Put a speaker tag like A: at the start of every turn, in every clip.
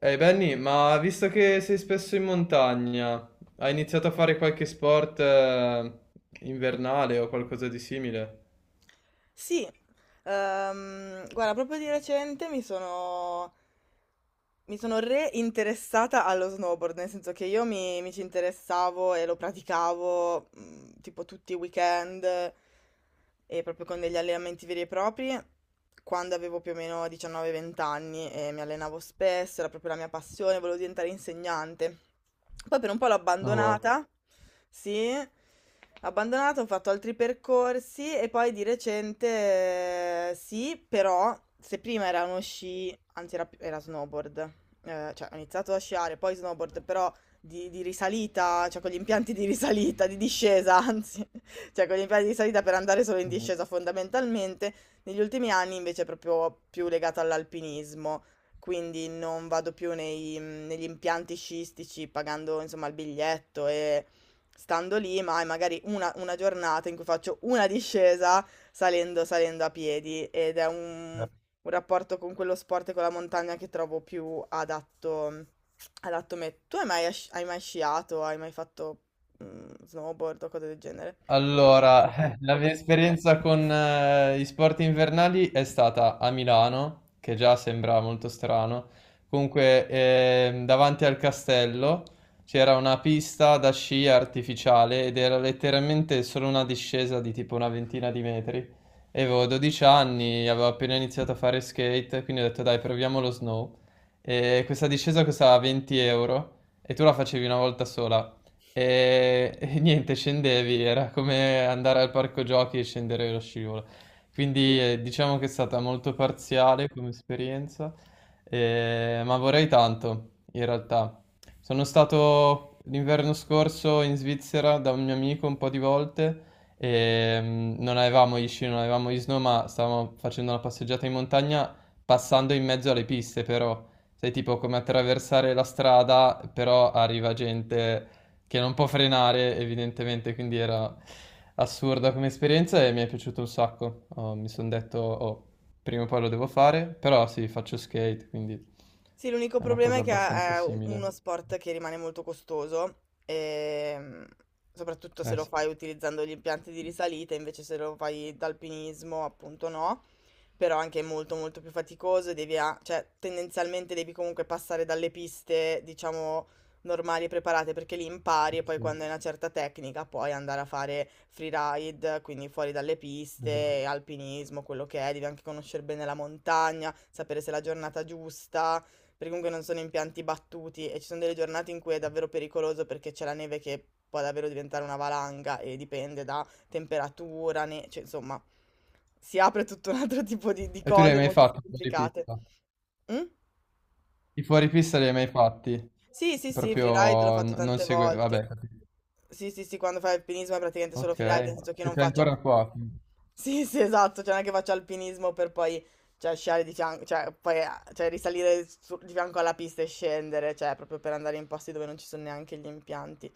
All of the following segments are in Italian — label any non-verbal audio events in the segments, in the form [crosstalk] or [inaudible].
A: Ehi Benny, ma visto che sei spesso in montagna, hai iniziato a fare qualche sport invernale o qualcosa di simile?
B: Sì, guarda, proprio di recente mi sono reinteressata allo snowboard, nel senso che io mi ci interessavo e lo praticavo tipo tutti i weekend e proprio con degli allenamenti veri e propri quando avevo più o meno 19-20 anni e mi allenavo spesso, era proprio la mia passione, volevo diventare insegnante. Poi per un po' l'ho
A: Oh,
B: abbandonata, sì, abbandonato, ho fatto altri percorsi e poi di recente, sì, però se prima era uno sci, anzi era, era snowboard, cioè ho iniziato a sciare, poi snowboard, però di risalita, cioè con gli impianti di risalita, di discesa, anzi, [laughs] cioè con gli impianti di risalita per andare solo in
A: wow.
B: discesa fondamentalmente, negli ultimi anni invece è proprio più legato all'alpinismo. Quindi non vado più negli impianti sciistici pagando insomma il biglietto e stando lì, ma è magari una giornata in cui faccio una discesa salendo a piedi ed è un rapporto con quello sport e con la montagna che trovo più adatto a me. Tu hai mai, hai mai sciato? Hai mai fatto snowboard o cose del genere?
A: Allora, [laughs] la mia esperienza con gli sport invernali è stata a Milano, che già sembra molto strano. Comunque, davanti al castello c'era una pista da sci artificiale ed era letteralmente solo una discesa di tipo una ventina di metri. E avevo 12 anni, avevo appena iniziato a fare skate, quindi ho detto dai, proviamo lo snow. E questa discesa costava 20 euro e tu la facevi una volta sola. E [laughs] niente, scendevi, era come andare al parco giochi e scendere lo scivolo.
B: Sì.
A: Quindi diciamo che è stata molto parziale come esperienza, ma vorrei tanto, in realtà. Sono stato l'inverno scorso in Svizzera da un mio amico un po' di volte e non avevamo gli sci, non avevamo gli snow, ma stavamo facendo una passeggiata in montagna passando in mezzo alle piste, però. Sai, tipo come attraversare la strada, però arriva gente che non può frenare evidentemente, quindi era assurda come esperienza e mi è piaciuto un sacco. Oh, mi sono detto, oh, prima o poi lo devo fare, però sì, faccio skate, quindi
B: Sì, l'unico
A: è una
B: problema
A: cosa
B: è che
A: abbastanza
B: è uno
A: simile.
B: sport che rimane molto costoso, soprattutto se
A: Eh
B: lo
A: sì,
B: fai utilizzando gli impianti di risalita, invece se lo fai d'alpinismo, appunto no. Però anche molto molto più faticoso e devi cioè tendenzialmente devi comunque passare dalle piste, diciamo, normali e preparate perché li impari e poi
A: sì,
B: quando hai una certa tecnica puoi andare a fare freeride, quindi fuori dalle
A: esatto.
B: piste, alpinismo, quello che è, devi anche conoscere bene la montagna, sapere se è la giornata giusta, perché comunque non sono impianti battuti e ci sono delle giornate in cui è davvero pericoloso perché c'è la neve che può davvero diventare una valanga e dipende da temperatura, ne cioè insomma, si apre tutto un altro tipo di
A: E tu li hai
B: cose
A: mai
B: molto più
A: fatti fuori
B: complicate.
A: pista?
B: Mh?
A: I fuori pista li hai mai fatti?
B: Sì, sì, sì, freeride l'ho
A: Proprio
B: fatto
A: non
B: tante
A: segue...
B: volte.
A: Vabbè, capito.
B: Sì, sì, sì, quando fai alpinismo è praticamente solo
A: Ok.
B: freeride,
A: E
B: nel senso che io non
A: c'è
B: faccio...
A: ancora qua, quindi.
B: Sì, sì, esatto, cioè non è che faccio alpinismo per poi, cioè, sciare di fianco, cioè, poi, cioè, di fianco alla pista e scendere, cioè, proprio per andare in posti dove non ci sono neanche gli impianti,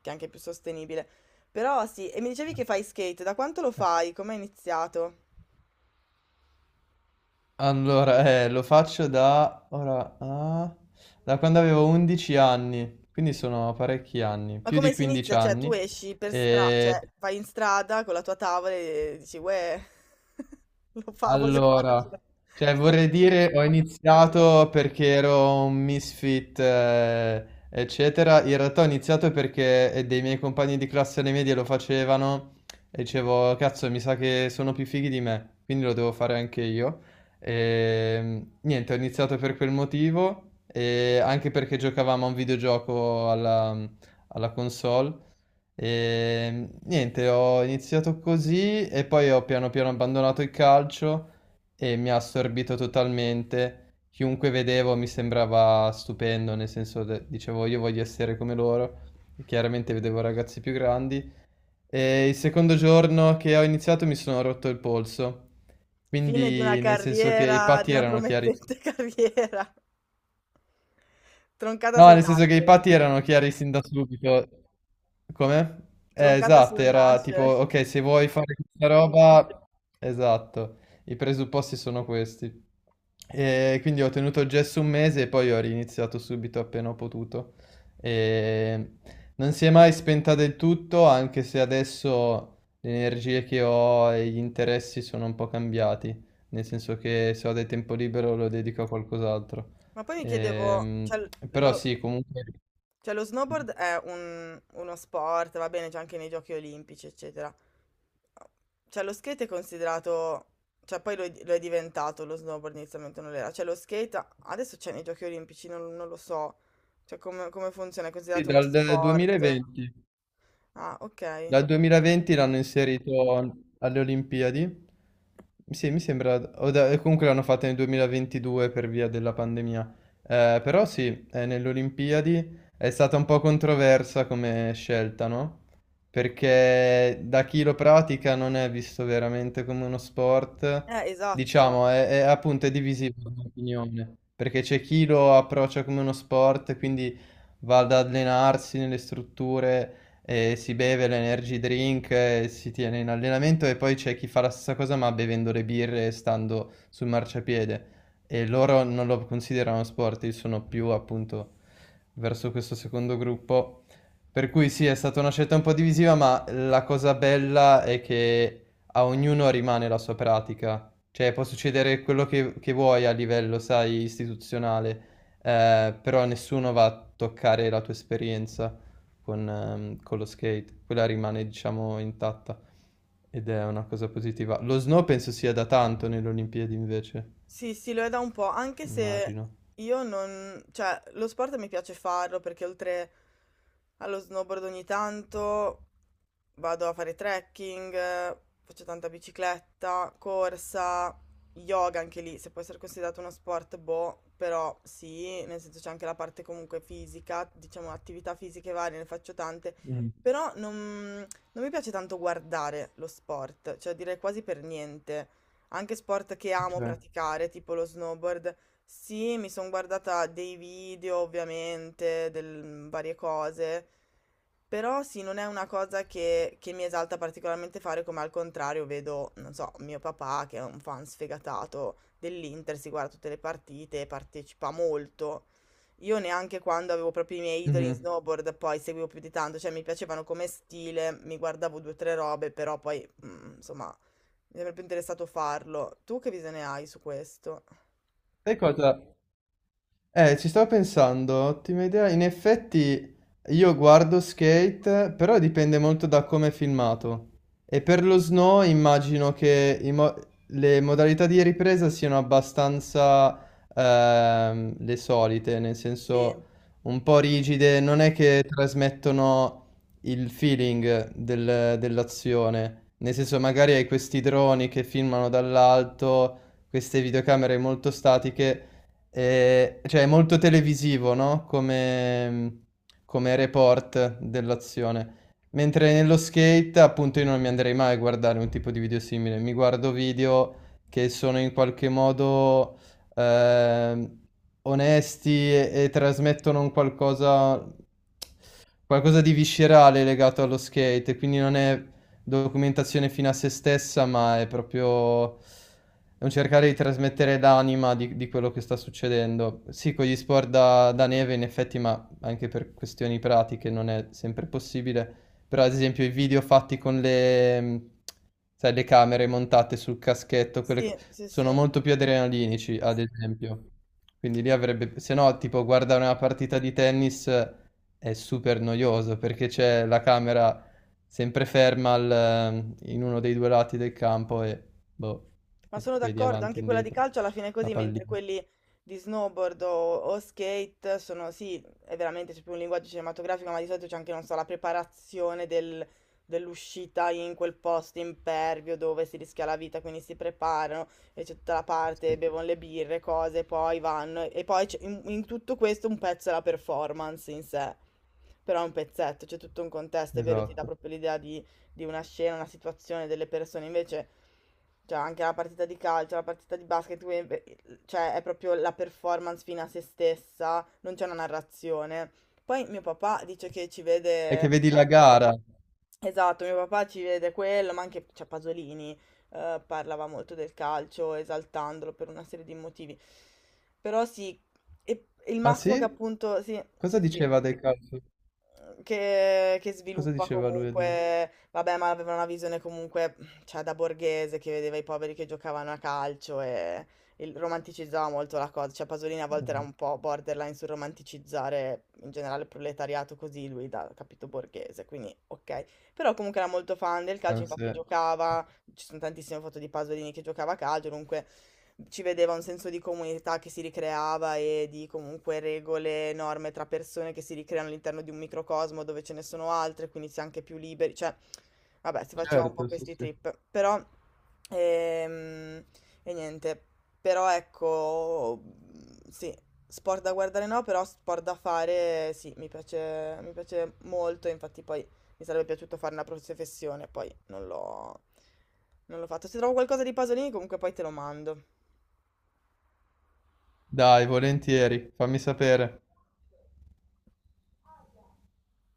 B: che è anche più sostenibile. Però sì, e mi dicevi che fai skate, da quanto lo fai? Come hai iniziato?
A: Allora, lo faccio da, ora, da quando avevo 11 anni, quindi sono parecchi anni,
B: Ma
A: più di
B: come si
A: 15
B: inizia? Cioè, tu
A: anni.
B: esci per strada, cioè,
A: E.
B: vai in strada con la tua tavola e dici, uè, [laughs] lo fa, voglio farlo. Cioè,
A: Allora, cioè vorrei dire ho iniziato perché ero un misfit, eccetera. In realtà ho iniziato perché dei miei compagni di classe alle medie lo facevano e dicevo, cazzo, mi sa che sono più fighi di me, quindi lo devo fare anche io. E, niente, ho iniziato per quel motivo e anche perché giocavamo a un videogioco alla console. E niente, ho iniziato così e poi ho piano piano abbandonato il calcio e mi ha assorbito totalmente. Chiunque vedevo mi sembrava stupendo, nel senso dicevo io voglio essere come loro. E chiaramente vedevo ragazzi più grandi. E il secondo giorno che ho iniziato mi sono rotto il polso.
B: fine di una
A: Quindi nel senso che i
B: carriera,
A: patti
B: di una
A: erano chiari.
B: promettente [laughs] carriera, troncata
A: No,
B: sul
A: nel senso che i
B: nascere,
A: patti erano chiari sin da subito. Come?
B: troncata
A: Esatto,
B: sul
A: era tipo,
B: nascere.
A: ok, se vuoi fare questa roba, esatto, i presupposti sono questi. E quindi ho tenuto il gesso un mese e poi ho riniziato subito appena ho potuto. E non si è mai spenta del tutto, anche se adesso le energie che ho e gli interessi sono un po' cambiati, nel senso che se ho del tempo libero lo dedico a qualcos'altro.
B: Ma poi mi chiedevo,
A: Ehm,
B: cioè,
A: però
B: lo,
A: sì, comunque...
B: cioè lo snowboard è uno sport, va bene, c'è anche nei giochi olimpici, eccetera. Cioè lo skate è considerato, cioè poi lo è diventato, lo snowboard inizialmente non lo era. Cioè lo skate adesso c'è nei giochi olimpici, non, non lo so. Cioè come, come funziona, è
A: Sì,
B: considerato uno
A: dal
B: sport.
A: 2020.
B: Ah, ok.
A: Dal 2020 l'hanno inserito alle Olimpiadi. Sì, mi sembra, o comunque l'hanno fatta nel 2022 per via della pandemia. Però sì, nelle Olimpiadi è stata un po' controversa come scelta, no? Perché da chi lo pratica non è visto veramente come uno sport,
B: Esatto.
A: diciamo, appunto è divisivo l'opinione, perché c'è chi lo approccia come uno sport, quindi va ad allenarsi nelle strutture e si beve l'energy drink e si tiene in allenamento e poi c'è chi fa la stessa cosa ma bevendo le birre e stando sul marciapiede e loro non lo considerano sport, io sono più appunto verso questo secondo gruppo. Per cui sì, è stata una scelta un po' divisiva, ma la cosa bella è che a ognuno rimane la sua pratica. Cioè, può succedere quello che vuoi a livello, sai, istituzionale, però nessuno va a toccare la tua esperienza con lo skate. Quella rimane, diciamo, intatta ed è una cosa positiva. Lo snow penso sia da tanto nelle Olimpiadi invece,
B: Sì, sì, lo è da un po', anche se
A: immagino.
B: io non... cioè, lo sport mi piace farlo perché oltre allo snowboard ogni tanto vado a fare trekking, faccio tanta bicicletta, corsa, yoga anche lì, se può essere considerato uno sport, boh, però sì, nel senso c'è anche la parte comunque fisica, diciamo attività fisiche varie, ne faccio tante,
A: Mm,
B: però non, non mi piace tanto guardare lo sport, cioè direi quasi per niente. Anche sport che amo
A: ok.
B: praticare, tipo lo snowboard. Sì, mi sono guardata dei video, ovviamente, del, varie cose. Però sì, non è una cosa che mi esalta particolarmente fare, come al contrario vedo, non so, mio papà, che è un fan sfegatato dell'Inter, si guarda tutte le partite, partecipa molto. Io neanche quando avevo proprio i miei idoli in
A: Mhm.
B: snowboard poi seguivo più di tanto, cioè mi piacevano come stile, mi guardavo due o tre robe, però poi, insomma, mi sarebbe interessato farlo. Tu che visione hai su questo?
A: Sai cosa? Ci stavo pensando, ottima idea. In effetti io guardo Skate, però dipende molto da come è filmato. E per lo snow immagino che i le modalità di ripresa siano abbastanza le solite, nel
B: Sì,
A: senso un po' rigide, non è che trasmettono il feeling dell'azione. Nel senso magari hai questi droni che filmano dall'alto, queste videocamere molto statiche. Cioè, è molto televisivo, no? Come, report dell'azione. Mentre nello skate, appunto, io non mi andrei mai a guardare un tipo di video simile. Mi guardo video che sono in qualche modo ehm, onesti e trasmettono un qualcosa di viscerale legato allo skate, quindi non è documentazione fino a se stessa, ma è un cercare di trasmettere l'anima di quello che sta succedendo. Sì, con gli sport da neve in effetti, ma anche per questioni pratiche non è sempre possibile, però ad esempio i video fatti con le, sai, le camere montate sul caschetto, quelle
B: sì, sì, sì.
A: sono molto più adrenalinici, ad esempio. Quindi lì avrebbe, se no, tipo guardare una partita di tennis è super noioso perché c'è la camera sempre ferma in uno dei due lati del campo e boh,
B: Ma
A: e
B: sono Quindi,
A: vedi
B: d'accordo,
A: avanti e
B: anche quella di
A: indietro
B: calcio alla fine è
A: la
B: così, mentre
A: pallina.
B: quelli di snowboard o skate sono, sì, è veramente c'è più un linguaggio cinematografico, ma di solito c'è anche, non so, la preparazione dell'uscita in quel posto impervio dove si rischia la vita, quindi si preparano e c'è tutta la parte,
A: Sì,
B: bevono le birre, cose, poi vanno e poi in tutto questo un pezzo è la performance in sé, però è un pezzetto, c'è tutto un contesto, è vero, ti dà
A: esatto.
B: proprio l'idea di una scena, una situazione, delle persone. Invece, cioè, anche la partita di calcio, la partita di basket, quindi, beh, cioè, è proprio la performance fine a se stessa, non c'è una narrazione. Poi mio papà dice che ci
A: E che
B: vede,
A: vedi la gara.
B: esatto, mio papà ci vede quello, ma anche, cioè, Pasolini, parlava molto del calcio, esaltandolo per una serie di motivi. Però sì, e il
A: Ah
B: massimo che
A: sì?
B: appunto, sì,
A: Cosa
B: sì, sì.
A: diceva del calcio?
B: Che
A: Cosa
B: sviluppa
A: diceva lui?
B: comunque, vabbè, ma aveva una visione comunque, cioè, da borghese che vedeva i poveri che giocavano a calcio e romanticizzava molto la cosa, cioè Pasolini a volte era un po' borderline sul romanticizzare in generale il proletariato così lui da capito borghese, quindi ok, però comunque era molto fan del calcio,
A: Ah,
B: infatti
A: sì.
B: giocava, ci sono tantissime foto di Pasolini che giocava a calcio, comunque ci vedeva un senso di comunità che si ricreava e di comunque regole, norme tra persone che si ricreano all'interno di un microcosmo dove ce ne sono altre, quindi si è anche più liberi, cioè, vabbè, si faceva un po'
A: Certo, sì,
B: questi
A: sì.
B: trip, però, ehm, e niente, però ecco, sì, sport da guardare no, però sport da fare sì, mi piace molto, infatti poi mi sarebbe piaciuto fare una professione, poi non l'ho fatto. Se trovo qualcosa di Pasolini, comunque poi te lo mando.
A: Dai, volentieri, fammi sapere.